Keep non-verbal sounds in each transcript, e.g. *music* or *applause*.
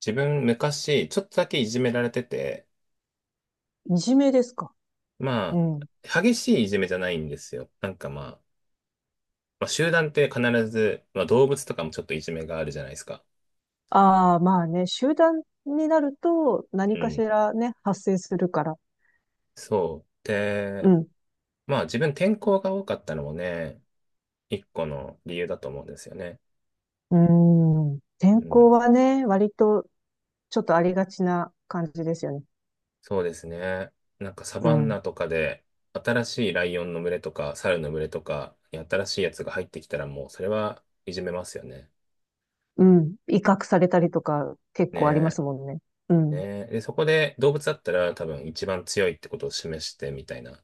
自分昔、ちょっとだけいじめられてて、いじめですか。うまん。あ、激しいいじめじゃないんですよ。なんかまあ、集団って必ず、まあ動物とかもちょっといじめがあるじゃないですか。ああ、まあね、集団になるとう何かしん。らね、発生するから。そう。うで、ん。まあ自分転校が多かったのもね、一個の理由だと思うんですよね。うーん。う転校ん。はね、割とちょっとありがちな感じですよね。そうですね。なんかサうバンん。ナとかで、新しいライオンの群れとか、猿の群れとかに新しいやつが入ってきたらもう、それはいじめますよね。うん。威嚇されたりとか結構ありまねすもんね。うねん。え、で、そこで動物だったら多分一番強いってことを示してみたいな、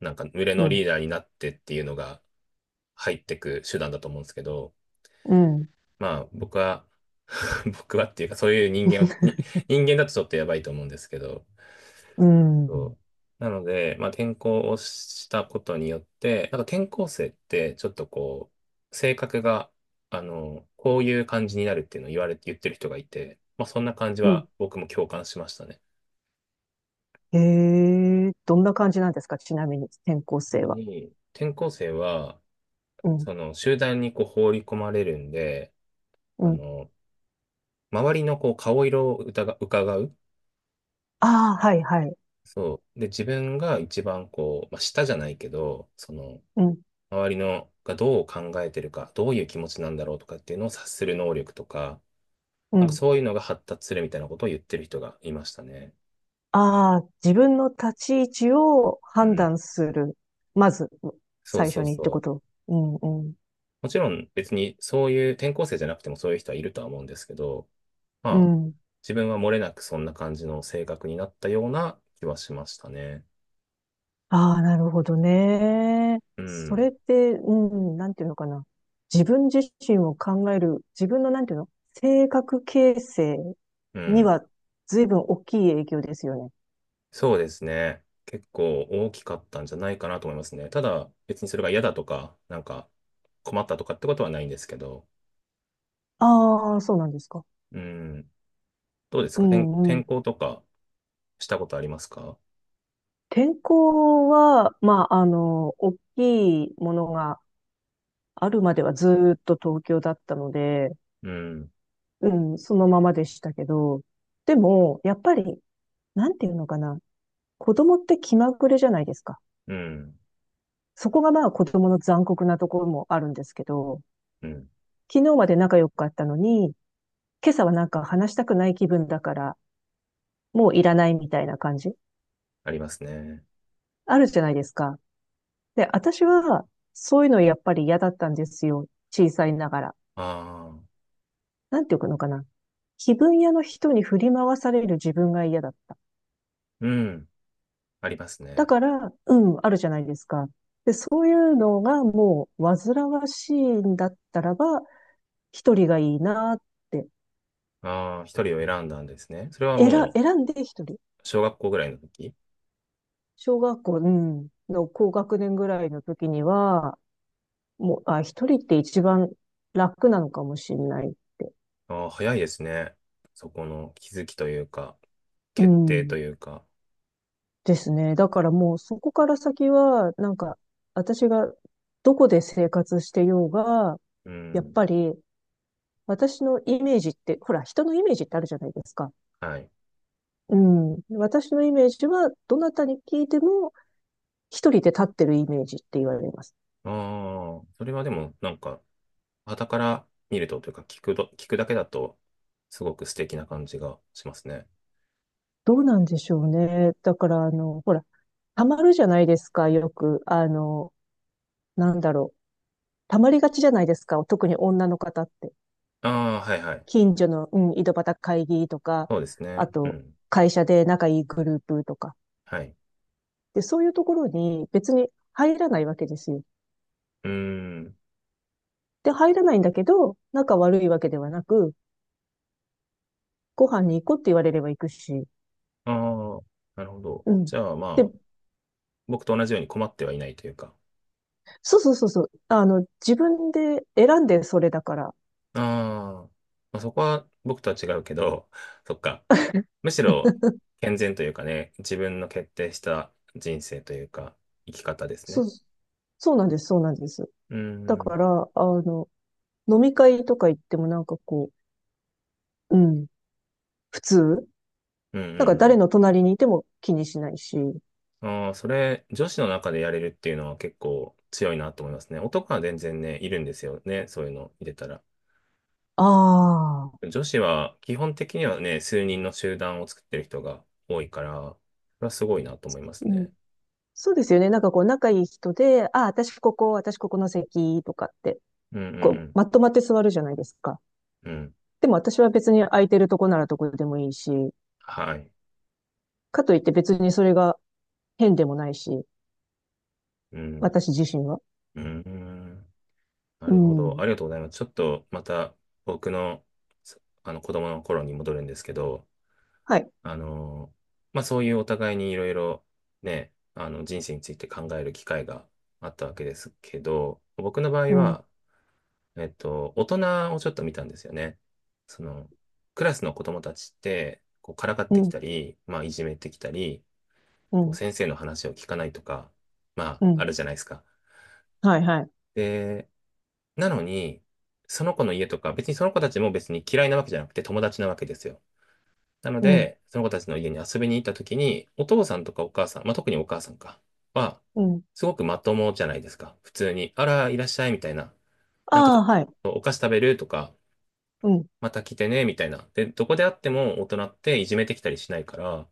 なんか群れうのん。リーダーになってっていうのが入ってく手段だと思うんですけど、うん。まあ僕は、*laughs* 僕はっていうかそういう*laughs* 人間だとちょっとやばいと思うんですけど、うん。そう。なので、まあ転校をしたことによって、なんか転校生ってちょっとこう、性格が、あの、こういう感じになるっていうのを言われて、言ってる人がいて、まあそんな感じうん。は僕も共感しましたね。へえ、どんな感じなんですかちなみに、転校ちな生みは。に、転校生は、うん。その集団にこう放り込まれるんで、うあん。の、周りのこう顔色を疑う、伺う。ああ、はい、はい。そう。で、自分が一番こう、まあ、下じゃないけど、その、うん。周りのがどう考えてるか、どういう気持ちなんだろうとかっていうのを察する能力とか、うなんかん。そういうのが発達するみたいなことを言ってる人がいましたね。ああ、自分の立ち位置をう判ん。断する。まず、そう最そ初うにってこそう。と。うん、うん、もちろん別にそういう転校生じゃなくてもそういう人はいるとは思うんですけど、うまあ、ん。自分は漏れなくそんな感じの性格になったような気はしましたね。ああ、なるほどね。うそれん、って、なんていうのかな。自分自身を考える、自分のなんていうの性格形成うにん。は随分大きい影響ですよね。そうですね。結構大きかったんじゃないかなと思いますね。ただ、別にそれが嫌だとか、なんか困ったとかってことはないんですけど、ああ、そうなんですか。うん。どうですうか転、んうん。転校とかしたことありますか？天候は、まあ、大きいものがあるまではずーっと東京だったので、うん、うん、そのままでしたけど、でも、やっぱり、なんていうのかな、子供って気まぐれじゃないですか。うん、そこがまあ子供の残酷なところもあるんですけど、うん。昨日まで仲良かったのに、今朝はなんか話したくない気分だから、もういらないみたいな感じありますね。あるじゃないですか。で、私は、そういうのやっぱり嫌だったんですよ。小さいながら。ああ、なんていうのかな。気分屋の人に振り回される自分が嫌だった。うん、ありますだね。から、うん、あるじゃないですか。で、そういうのがもう煩わしいんだったらば、一人がいいなって。ああ、一人を選んだんですね。それは選、も選んで一人。う、小学校ぐらいの時。小学校、うんの高学年ぐらいの時には、もう、あ、一人って一番楽なのかもしれないって。ああ、早いですね。そこの気づきというか、う決定とん。いうか。ですね。だからもうそこから先は、なんか、私がどこで生活してようが、うやっん。ぱり私のイメージって、ほら、人のイメージってあるじゃないですか。はい。うん。私のイメージは、どなたに聞いても、一人で立ってるイメージって言われます。ああ、それはでも、なんか、傍から見るとというか、聞くだけだと、すごく素敵な感じがしますね。どうなんでしょうね。だから、ほら、溜まるじゃないですか、よく。なんだろう。溜まりがちじゃないですか、特に女の方って。ああ、はいはい。近所の、うん、井戸端会議とか、そうですあね。うと、ん。会社で仲いいグループとか。はい。で、そういうところに別に入らないわけですよ。うーん。で、入らないんだけど、仲悪いわけではなく、ご飯に行こうって言われれば行くし、ああ、なるほど。うん。じゃあ、で、まあ、僕と同じように困ってはいないというか。そうそうそうそう。あの、自分で選んでそれだから。ああ、まあ、そこは僕とは違うけど、*laughs* そっか。むしろ健全というかね、自分の決定した人生というか、生き方ですそう、ね。そうなんです、そうなんです。うだん、うかん、ら、あの、飲み会とか行ってもなんかこう、うん、普通うなんか誰ん、の隣にいても気にしないし。うん。ああ、それ、女子の中でやれるっていうのは結構強いなと思いますね。男は全然ね、いるんですよね。そういうの入れたら。ああ、女子は基本的にはね、数人の集団を作ってる人が多いから、それはすごいなと思いますうん。ね。そうですよね。なんかこう、仲いい人で、ああ、私ここ、私ここの席とかって、うん、うこう、ん、まとまって座るじゃないですか。うん。うん。でも私は別に空いてるとこならどこでもいいし、はい。かといって別にそれが変でもないし、うん。私自身は。うん。なうるほど。ん。ありがとうございます。ちょっとまた僕の、そあの子供の頃に戻るんですけど、はい。あの、まあそういうお互いにいろいろね、あの人生について考える機会があったわけですけど、僕の場う合ん、は、大人をちょっと見たんですよね。その、クラスの子供たちって、こうからかっうてきん、たり、まあいじめてきたり、うこうん、先生の話を聞かないとか、まあうあん。るじゃないですか。はい、はい。で、なのに、その子の家とか、別にその子たちも別に嫌いなわけじゃなくて友達なわけですよ。なのうん、で、その子たちの家に遊びに行った時に、お父さんとかお母さん、まあ、特にお母さんか、は、うん。すごくまともじゃないですか。普通に、あら、いらっしゃい、みたいな。なんかああ、はい。お菓子食べるとか、うん、また来てね、みたいな。で、どこであっても大人っていじめてきたりしないから、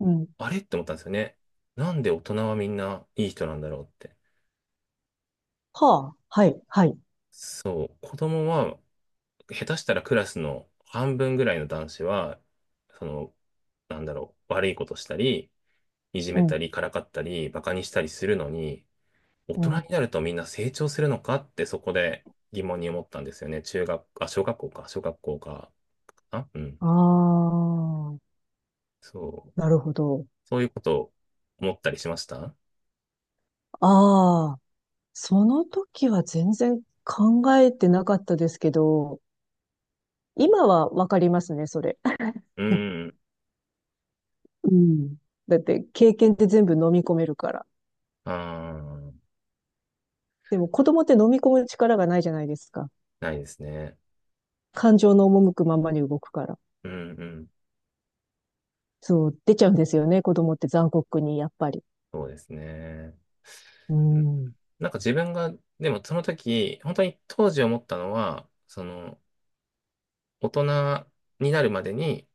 うん。あれって思ったんですよね。なんで大人はみんないい人なんだろうって。はあ、はい、はい。そう、子供は下手したらクラスの半分ぐらいの男子は、その、なんだろう、悪いことしたり、いじうめたん、り、からかったり、バカにしたりするのに、大う人ん。になるとみんな成長するのかってそこで疑問に思ったんですよね。中学、あ、小学校か、あ、うん。ああ、そう。なるほど。そういうことを思ったりしました。ああ、その時は全然考えてなかったですけど、今はわかりますね、それ。うん。うん。だって、経験って全部飲み込めるから。ああ、でも、子供って飲み込む力がないじゃないですか。ないですね。感情の赴くままに動くから。うんうん。そう、出ちゃうんですよね、子供って残酷に、やっぱり。そうですね。ううん。ん。なんか自分が、でもその時、本当に当時思ったのは、その、大人になるまでに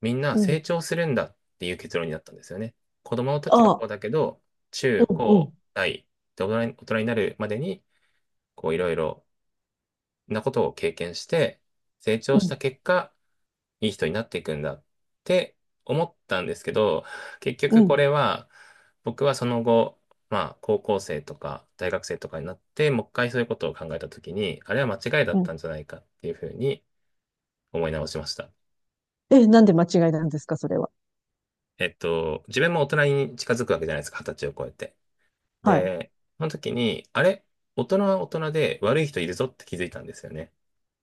みんなうん。成長するんだっていう結論になったんですよね。子供の時はあこうあ、だけど、中うん、う高ん、大で大人になるまでにこういろいろなことを経験して成長うしたん、結果、いい人になっていくんだって思ったんですけど、結う局こん、れは僕はその後、まあ高校生とか大学生とかになってもう一回そういうことを考えた時に、あれは間違いだうったんん。じゃないかっていうふうに思い直しました。え、なんで間違いなんですか、それは。自分も大人に近づくわけじゃないですか、二十歳を超えて。はい。で、その時に、あれ大人は大人で悪い人いるぞって気づいたんですよね。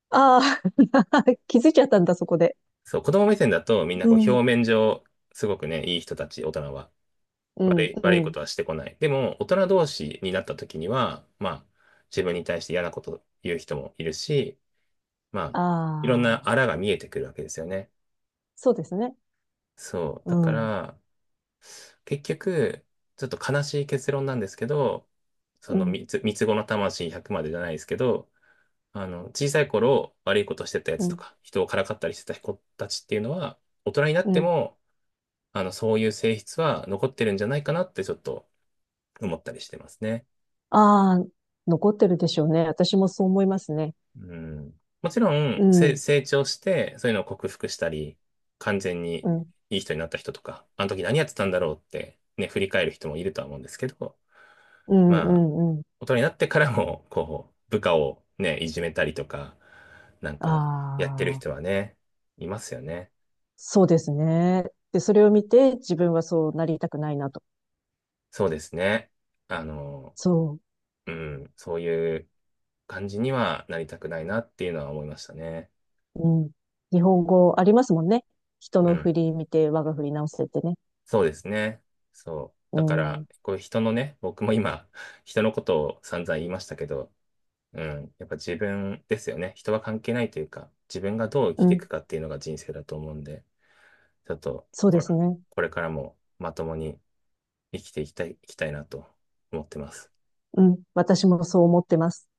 ああ、*laughs* 気づいちゃったんだ、そこで。そう、子供目線だとみんなうこうん、表面上、すごくね、いい人たち、大人は。うん、う悪いこん。とはしてこない。でも、大人同士になった時には、まあ、自分に対して嫌なこと言う人もいるし、まあ、いろんあなあ、あらが見えてくるわけですよね。そうですね。そう。うだかん、ら、結局、ちょっと悲しい結論なんですけど、そうのん、三つ子の魂100までじゃないですけど、あの、小さい頃悪いことしてたやうつとん、か、人をからかったりしてた子たちっていうのは、大人になっうてん。も、あの、そういう性質は残ってるんじゃないかなってちょっと思ったりしてますね。ああ、残ってるでしょうね。私もそう思いますね。うん。もちろうん、ん、成長して、そういうのを克服したり、完全にうん、いい人になった人とか、あの時何やってたんだろうってね、振り返る人もいるとは思うんですけど、うん、うまあ、ん、うん。大人になってからも、*laughs* こう、部下をね、いじめたりとか、なんあか、やってるあ、人はね、いますよね。そうですね。で、それを見て、自分はそうなりたくないなと。そうですね。あの、そう。うん、そういう感じにはなりたくないなっていうのは思いましたね。うん。日本語ありますもんね。人うのん、振り見て我が振り直せってね。そうですね。そう。うだから、ん。こういう人のね、僕も今、人のことを散々言いましたけど、うん、やっぱ自分ですよね。人は関係ないというか、自分がどう生うきていん。くかっていうのが人生だと思うんで、ちょっと、そうこでれ、すね。これからもまともに生きていきたい、いきたいなと思ってます。うん。私もそう思ってます。